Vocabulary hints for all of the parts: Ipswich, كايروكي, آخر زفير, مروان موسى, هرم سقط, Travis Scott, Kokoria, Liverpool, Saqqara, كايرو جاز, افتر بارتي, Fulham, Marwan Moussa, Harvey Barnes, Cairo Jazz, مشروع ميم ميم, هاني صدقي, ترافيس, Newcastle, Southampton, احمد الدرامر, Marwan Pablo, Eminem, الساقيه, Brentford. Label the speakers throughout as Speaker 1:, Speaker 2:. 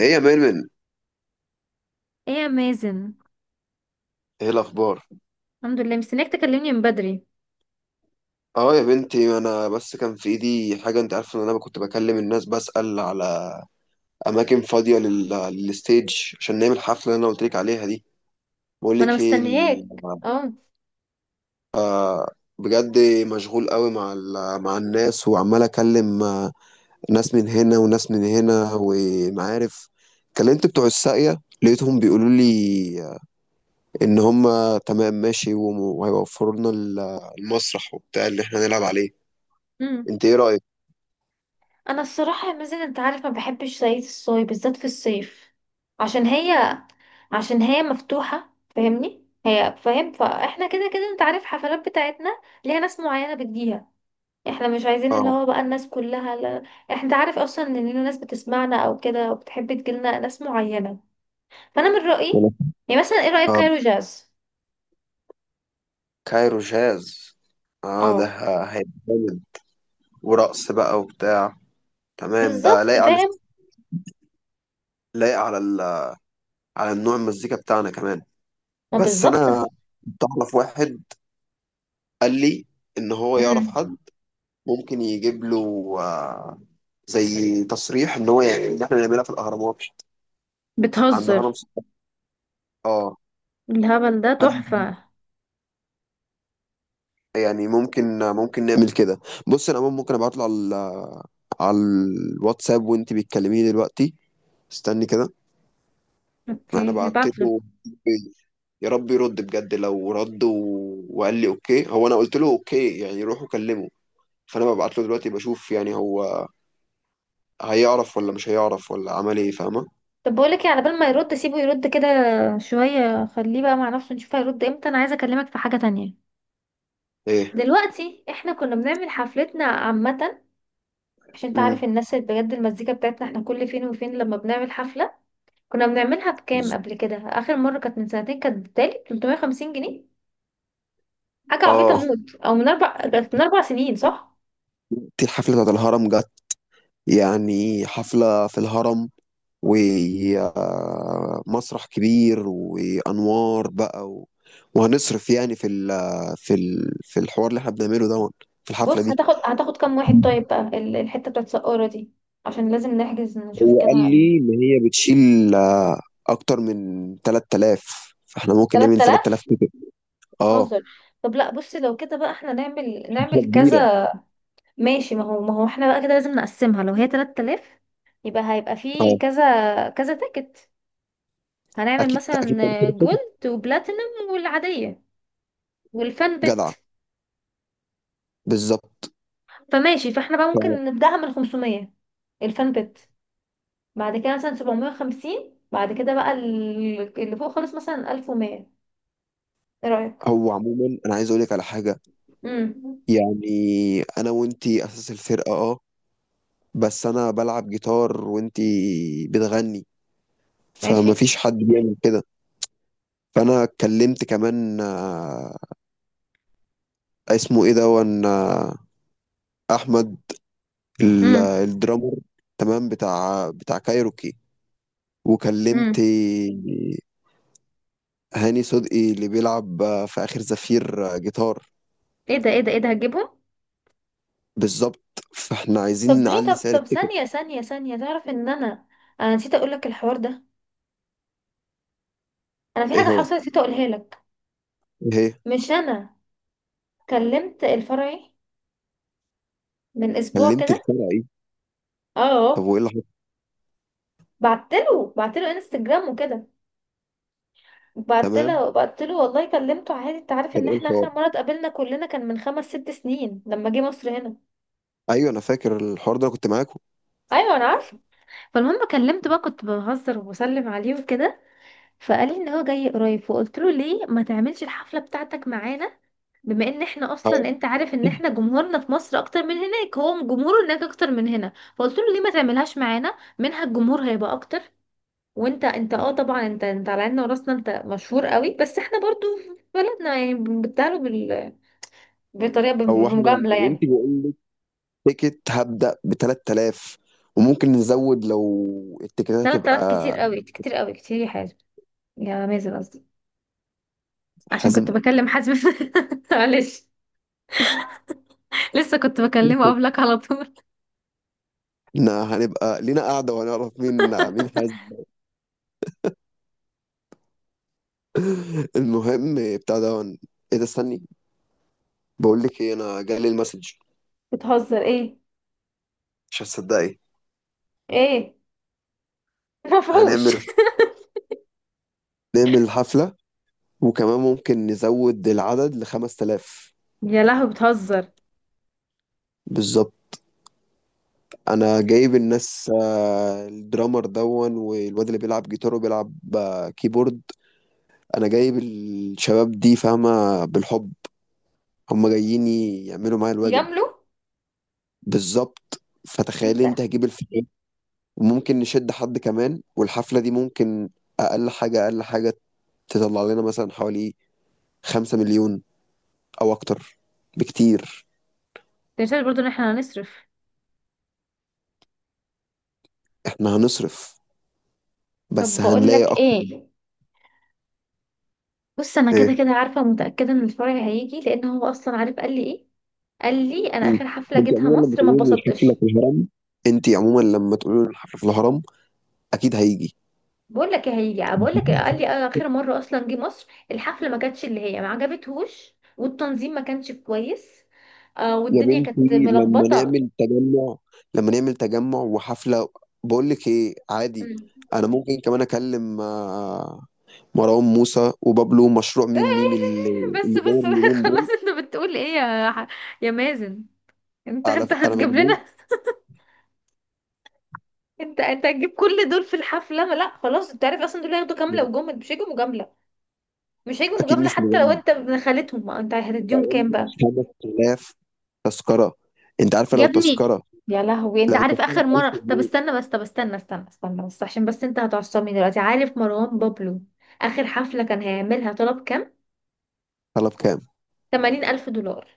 Speaker 1: ايه يا ميرمن؟
Speaker 2: ايه يا مازن.
Speaker 1: ايه الاخبار؟
Speaker 2: الحمد لله، مستنياك تكلمني من بدري.
Speaker 1: اه يا بنتي، انا بس كان في ايدي حاجه، انت عارفه ان انا كنت بكلم الناس بسأل على اماكن فاضيه للستيج عشان نعمل الحفله اللي انا قلت لك عليها دي. بقول
Speaker 2: ما انا
Speaker 1: لك ايه ال-
Speaker 2: مستنياك، اه.
Speaker 1: بجد مشغول قوي مع مع الناس، وعمال اكلم ناس من هنا وناس من هنا ومعارف. كلمت بتوع الساقيه، لقيتهم بيقولوا لي ان هم تمام ماشي، وهيوفروا لنا المسرح وبتاع اللي احنا نلعب عليه.
Speaker 2: امم
Speaker 1: انت ايه رأيك؟
Speaker 2: انا الصراحه يا مازن، انت عارف ما بحبش زيت الصويا بالذات في الصيف، عشان هي عشان هي مفتوحه، فاهمني؟ هي فاهم. فاحنا كده كده انت عارف الحفلات بتاعتنا ليها ناس معينه بتجيها. احنا مش عايزين اللي
Speaker 1: اه،
Speaker 2: هو بقى الناس كلها، لا. احنا انت عارف اصلا ان لينا ناس بتسمعنا او كده، وبتحب تجيلنا ناس معينه. فانا من رايي يعني مثلا، ايه رايك كايرو جاز؟
Speaker 1: كايرو جاز. اه ده
Speaker 2: اه،
Speaker 1: هيبقى جامد ورقص بقى وبتاع. تمام، ده
Speaker 2: بالظبط
Speaker 1: لايق على
Speaker 2: فاهم.
Speaker 1: لايق على ال... على النوع المزيكا بتاعنا كمان.
Speaker 2: ما
Speaker 1: بس
Speaker 2: بالظبط.
Speaker 1: انا كنت اعرف واحد قال لي ان هو يعرف
Speaker 2: امم
Speaker 1: حد ممكن يجيب له زي تصريح ان هو يعني ان احنا نعملها في الاهرامات عند
Speaker 2: بتهزر،
Speaker 1: هرم سقط. اه،
Speaker 2: الهبل ده
Speaker 1: فأنا
Speaker 2: تحفة.
Speaker 1: يعني ممكن نعمل كده. بص، انا عموماً ممكن ابعت له على على الواتساب وانت بتكلميه دلوقتي. استني كده. انا
Speaker 2: اوكي،
Speaker 1: بعت
Speaker 2: هبعتله.
Speaker 1: له. يا رب يرد بجد. لو رد وقال لي اوكي، هو انا قلت له اوكي يعني روح وكلمه. فانا ببعت له دلوقتي بشوف يعني هو هيعرف ولا مش هيعرف ولا عمل ايه، فاهمه؟
Speaker 2: طب بقولك ايه، على بال ما يرد سيبه يرد كده شوية، خليه بقى مع نفسه، نشوف هيرد امتى. انا عايزة اكلمك في حاجة تانية.
Speaker 1: ايه.
Speaker 2: دلوقتي احنا كنا بنعمل حفلتنا عامة عشان تعرف
Speaker 1: امم
Speaker 2: الناس اللي بجد المزيكا بتاعتنا. احنا كل فين وفين لما بنعمل حفلة كنا بنعملها بكام؟
Speaker 1: بز...
Speaker 2: قبل كده اخر مرة كانت من سنتين، كانت بتالي 350 جنيه. حاجة عبيطة
Speaker 1: اه،
Speaker 2: موت. او من اربع، كانت من 4 سنين، صح.
Speaker 1: دي الحفله بتاعت الهرم جت، يعني حفله في الهرم ومسرح كبير وانوار بقى وهنصرف يعني في الحوار اللي احنا بنعمله ده، في الحفله
Speaker 2: بص،
Speaker 1: دي.
Speaker 2: هتاخد كام واحد طيب بقى ال- الحتة بتاعت سقارة دي؟ عشان لازم نحجز نشوف
Speaker 1: هو
Speaker 2: كده.
Speaker 1: قال لي ان هي بتشيل اكتر من 3000، فاحنا ممكن نعمل 3000
Speaker 2: 3000؟
Speaker 1: تيكت. اه،
Speaker 2: بتهزر. طب لا، بص لو كده بقى احنا نعمل
Speaker 1: حفله
Speaker 2: نعمل
Speaker 1: كبيره.
Speaker 2: كذا. ماشي، ما هو احنا بقى كده لازم نقسمها. لو هي 3000 يبقى هيبقى في
Speaker 1: اه
Speaker 2: كذا كذا تيكت. هنعمل
Speaker 1: اكيد اكيد
Speaker 2: مثلا
Speaker 1: 3000 تيكت.
Speaker 2: جولد وبلاتينم والعادية والفان
Speaker 1: جدعه،
Speaker 2: بت.
Speaker 1: بالظبط.
Speaker 2: فماشي، فاحنا بقى ممكن نبدأها من 500، الفان بت. بعد كده مثلا 750، بعد كده بقى ال- اللي فوق خالص مثلا 1100. ايه رأيك؟
Speaker 1: فهو عموما انا عايز اقول لك على حاجه،
Speaker 2: امم
Speaker 1: يعني انا وانتي اساس الفرقه، اه، بس انا بلعب جيتار وانتي بتغني، فما
Speaker 2: ماشي.
Speaker 1: فيش حد بيعمل كده. فانا اتكلمت كمان، اسمه ايه ده، احمد،
Speaker 2: امم
Speaker 1: الدرامر، تمام، بتاع كايروكي. وكلمت
Speaker 2: امم
Speaker 1: هاني صدقي اللي بيلعب في آخر زفير جيتار.
Speaker 2: ايه ده ايه ده ايه ده، هتجيبهم؟
Speaker 1: بالظبط، فاحنا عايزين
Speaker 2: طب ليه،
Speaker 1: نعلي
Speaker 2: طب
Speaker 1: سعر
Speaker 2: طب
Speaker 1: التيكت.
Speaker 2: ثانية ثانية ثانية، تعرف ان انا نسيت اقول لك الحوار ده. انا في
Speaker 1: ايه
Speaker 2: حاجة
Speaker 1: هو؟
Speaker 2: حصلت نسيت اقولها لك.
Speaker 1: ايه هي؟
Speaker 2: مش انا كلمت الفرعي من اسبوع
Speaker 1: كلمت
Speaker 2: كده.
Speaker 1: الفرعي. طب
Speaker 2: اه.
Speaker 1: وايه اللي حصل؟
Speaker 2: بعت له انستجرام وكده. بعت
Speaker 1: تمام،
Speaker 2: له بعت له والله، كلمته عادي. انت عارف
Speaker 1: كان
Speaker 2: ان
Speaker 1: ايه
Speaker 2: احنا
Speaker 1: الحوار؟
Speaker 2: اخر مرة اتقابلنا كلنا كان من خمس ست سنين لما جه مصر هنا.
Speaker 1: ايوه انا فاكر الحوار ده، انا كنت معاكم.
Speaker 2: ايوه انا عارفه. فالمهم كلمته بقى، كنت بهزر وبسلم عليه وكده. فقال لي ان هو جاي قريب، فقلت له ليه ما تعملش الحفله بتاعتك معانا؟ بما ان احنا
Speaker 1: اه،
Speaker 2: اصلا انت عارف ان احنا جمهورنا في مصر اكتر من هناك. هو جمهوره هناك اكتر من هنا، فقلت له ليه ما تعملهاش معانا منها الجمهور هيبقى اكتر. وانت اه طبعا انت على عيننا وراسنا، انت مشهور قوي بس احنا برضو في بلدنا يعني بنبتعله بال... بطريقه
Speaker 1: هو احنا،
Speaker 2: بمجامله يعني.
Speaker 1: بنتي، بقول لك تيكت هبدأ ب 3000، وممكن نزود لو التيكتات
Speaker 2: 3000 كتير
Speaker 1: تبقى.
Speaker 2: قوي كتير قوي كتير يا حازم. يا مازن قصدي. عشان كنت
Speaker 1: حازم؟
Speaker 2: بكلم حازم. معلش، لسه كنت بكلمه قبلك على طول.
Speaker 1: احنا هنبقى لينا قاعدة وهنعرف مين مين حازم. المهم بتاع ده. ايه ده؟ استني، بقول لك ايه، انا جالي المسج،
Speaker 2: بتهزر ايه؟
Speaker 1: مش هتصدقي.
Speaker 2: ايه؟ مفهوش.
Speaker 1: هنعمل نعمل حفلة، وكمان ممكن نزود العدد ل 5000.
Speaker 2: يا لهوي، بتهزر.
Speaker 1: بالظبط، انا جايب الناس، الدرامر دون، والواد اللي بيلعب جيتار وبيلعب كيبورد. انا جايب الشباب دي، فاهمة، بالحب. هم جايين يعملوا معايا الواجب.
Speaker 2: يجاملو.
Speaker 1: بالظبط،
Speaker 2: انت
Speaker 1: فتخيلي انت، هجيب الفريق وممكن نشد حد كمان، والحفلة دي ممكن اقل حاجة اقل حاجة تطلع لنا مثلا حوالي 5 مليون او اكتر بكتير.
Speaker 2: تنساش برضو ان احنا هنصرف.
Speaker 1: احنا هنصرف
Speaker 2: طب
Speaker 1: بس
Speaker 2: بقول
Speaker 1: هنلاقي
Speaker 2: لك
Speaker 1: اكتر.
Speaker 2: ايه، بص انا كده
Speaker 1: ايه.
Speaker 2: كده عارفه متاكده ان الفرع هيجي. لان هو اصلا عارف. قال لي ايه؟ قال لي انا
Speaker 1: مم.
Speaker 2: اخر حفله
Speaker 1: انت
Speaker 2: جيتها
Speaker 1: عموما لما
Speaker 2: مصر ما
Speaker 1: تقولي لي الحفله
Speaker 2: اتبسطتش.
Speaker 1: في الهرم، انت عموما لما تقولي لي الحفله في الهرم اكيد هيجي.
Speaker 2: بقول لك ايه هيجي، بقول لك إيه، قال لي اخر مره اصلا جه مصر الحفله ما كانتش اللي هي ما عجبتهوش والتنظيم ما كانش كويس.
Speaker 1: يا
Speaker 2: والدنيا كانت
Speaker 1: بنتي لما
Speaker 2: ملخبطه.
Speaker 1: نعمل تجمع، وحفله. بقول لك ايه، عادي.
Speaker 2: مم.
Speaker 1: انا ممكن كمان اكلم، مروان موسى وبابلو مشروع ميم ميم، اللي
Speaker 2: بس
Speaker 1: اللي
Speaker 2: بس
Speaker 1: داير اليومين
Speaker 2: خلاص،
Speaker 1: دول.
Speaker 2: انت بتقول ايه يا ح- يا مازن؟ انت انت
Speaker 1: انا
Speaker 2: هتجيب
Speaker 1: مجنون.
Speaker 2: لنا؟ انت هتجيب كل دول في الحفله؟ ما لا خلاص، انت عارف اصلا دول هياخدوا كامله وجمل. مش هيجوا مجامله، مش هيجوا
Speaker 1: اكيد
Speaker 2: مجامله
Speaker 1: مش
Speaker 2: حتى لو
Speaker 1: مجنون.
Speaker 2: انت ابن خالتهم. ما انت هتديهم
Speaker 1: بقول
Speaker 2: كام
Speaker 1: لك
Speaker 2: بقى؟
Speaker 1: 5000 تذكرة. انت عارفة
Speaker 2: يا
Speaker 1: لو
Speaker 2: ابني،
Speaker 1: تذكرة
Speaker 2: يا لهوي. انت
Speaker 1: لو
Speaker 2: عارف
Speaker 1: تذكرة
Speaker 2: اخر
Speaker 1: ب 1000
Speaker 2: مره، طب
Speaker 1: جنيه
Speaker 2: استنى بس، طب استنى بس عشان بس انت هتعصبني دلوقتي. عارف مروان بابلو اخر حفله كان هيعملها طلب كام؟
Speaker 1: طلب كام؟
Speaker 2: 80000 الف دولار.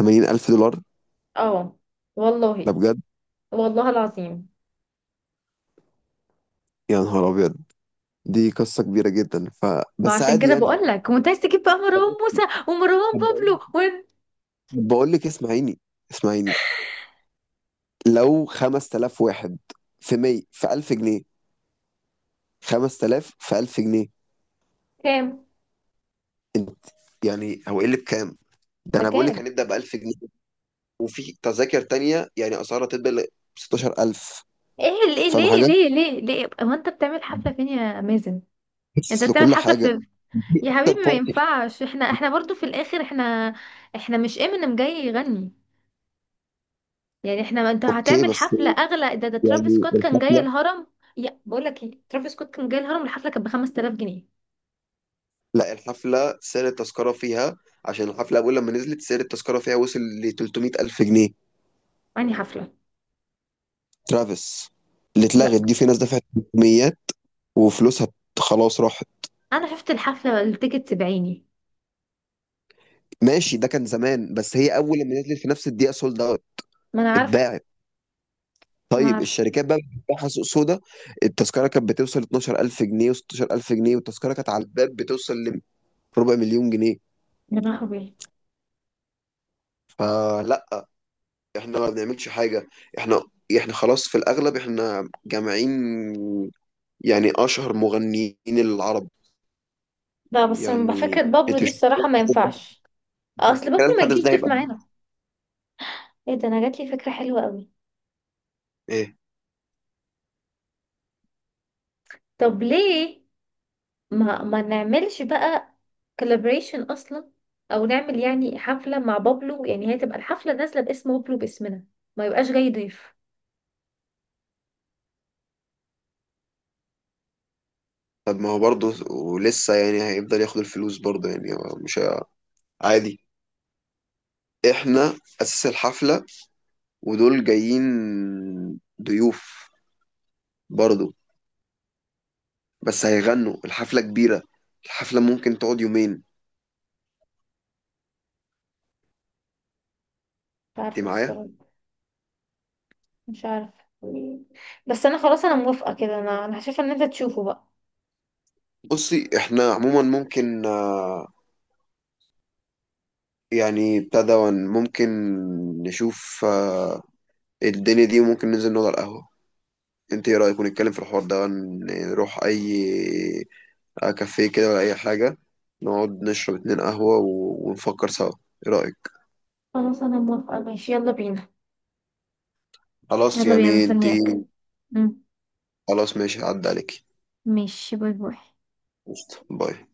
Speaker 1: 80000 دولار.
Speaker 2: اه،
Speaker 1: ده
Speaker 2: والله.
Speaker 1: بجد.
Speaker 2: والله العظيم.
Speaker 1: يا نهار ابيض. دي قصة كبيرة جدا،
Speaker 2: ما
Speaker 1: بس
Speaker 2: عشان
Speaker 1: عادي
Speaker 2: كده
Speaker 1: يعني.
Speaker 2: بقول لك وانت عايز تجيب بقى
Speaker 1: طب،
Speaker 2: مروان موسى ومروان
Speaker 1: طب بقول
Speaker 2: بابلو
Speaker 1: لك
Speaker 2: وين.
Speaker 1: طب بقول لك، اسمعيني، اسمعيني، لو 5000 واحد في 100 في 1000 جنيه، 5000 في 1000 جنيه.
Speaker 2: كام؟
Speaker 1: انت؟ يعني هو ايه اللي بكام؟ ده انا بقول لك
Speaker 2: بكام؟
Speaker 1: هنبدأ ب 1000 جنيه، وفي تذاكر تانية يعني اسعارها تبدأ ل 16000.
Speaker 2: ايه ليه
Speaker 1: فاهم
Speaker 2: ليه
Speaker 1: حاجة؟
Speaker 2: ليه ليه ليه، هو انت بتعمل حفلة فين يا مازن؟ انت
Speaker 1: مخصص
Speaker 2: بتعمل
Speaker 1: لكل
Speaker 2: حفلة
Speaker 1: حاجه،
Speaker 2: في،
Speaker 1: في
Speaker 2: يا حبيبي
Speaker 1: افتر
Speaker 2: ما
Speaker 1: بارتي.
Speaker 2: ينفعش. احنا برضو في الاخر، احنا مش امينيم جاي يغني يعني. احنا انت
Speaker 1: اوكي
Speaker 2: هتعمل
Speaker 1: بس
Speaker 2: حفلة اغلى؟ ده ترافيس
Speaker 1: يعني
Speaker 2: سكوت كان جاي
Speaker 1: الحفله،
Speaker 2: الهرم. يا، بقول لك ايه، ترافيس سكوت كان جاي الهرم الحفلة كانت ب 5000 جنيه.
Speaker 1: لا الحفله سعر التذكره فيها، عشان الحفله اول لما نزلت سعر التذكره فيها وصل ل 300 الف جنيه.
Speaker 2: يعني حفلة.
Speaker 1: ترافيس اللي
Speaker 2: لا
Speaker 1: اتلغت دي في ناس دفعت 300 وفلوسها خلاص راحت.
Speaker 2: انا شفت الحفلة، التيكت بعيني.
Speaker 1: ماشي، ده كان زمان، بس هي اول لما نزلت في نفس الدقيقه سولد اوت،
Speaker 2: ما انا عارفه.
Speaker 1: اتباعت.
Speaker 2: ما انا
Speaker 1: طيب
Speaker 2: عارفه.
Speaker 1: الشركات بقى بتفتحها سوق سودا. التذكره كانت بتوصل 12000 جنيه و16000 جنيه، والتذكره كانت على الباب بتوصل لربع مليون جنيه.
Speaker 2: يا لهوي.
Speaker 1: فلا، احنا ما بنعملش حاجة. احنا احنا خلاص في الأغلب احنا جامعين، يعني أشهر مغنيين العرب.
Speaker 2: لا بس ما فكرة
Speaker 1: يعني
Speaker 2: بابلو
Speaker 1: انت
Speaker 2: دي
Speaker 1: مش،
Speaker 2: الصراحة ما ينفعش. اصل بابلو
Speaker 1: كان
Speaker 2: ما
Speaker 1: الحدث
Speaker 2: يجيش
Speaker 1: ده
Speaker 2: ضيف
Speaker 1: هيبقى
Speaker 2: معانا. ايه ده، انا جات لي فكرة حلوة قوي.
Speaker 1: ايه.
Speaker 2: طب ليه ما نعملش بقى كولابريشن اصلا؟ او نعمل يعني حفله مع بابلو، يعني هي تبقى الحفله نازله باسم بابلو باسمنا، ما يبقاش جاي ضيف.
Speaker 1: طب ما هو برضه ولسه يعني هيفضل ياخد الفلوس برضه، يعني هو مش عادي. احنا أساس الحفلة، ودول جايين ضيوف برضه، بس هيغنوا، الحفلة كبيرة، الحفلة ممكن تقعد يومين.
Speaker 2: مش
Speaker 1: انت
Speaker 2: عارفة
Speaker 1: معايا؟
Speaker 2: الصراحة. مش عارفة. بس انا خلاص انا موافقة كده. انا انا شايفة ان انت تشوفه بقى.
Speaker 1: بصي، احنا عموما ممكن، يعني ابتدى ممكن نشوف، الدنيا دي، وممكن ننزل نقعد على القهوة. انت ايه رأيك؟ ونتكلم في الحوار ده، نروح اي، كافيه كده ولا اي حاجة، نقعد نشرب اتنين قهوة ونفكر سوا. ايه رأيك؟
Speaker 2: خلاص انا موافقة ماشي، يلا بينا.
Speaker 1: خلاص
Speaker 2: يلا بينا
Speaker 1: يعني انت
Speaker 2: مستنياك. مم.
Speaker 1: خلاص ماشي عدى عليكي.
Speaker 2: ماشي، باي باي.
Speaker 1: قشطة. باي.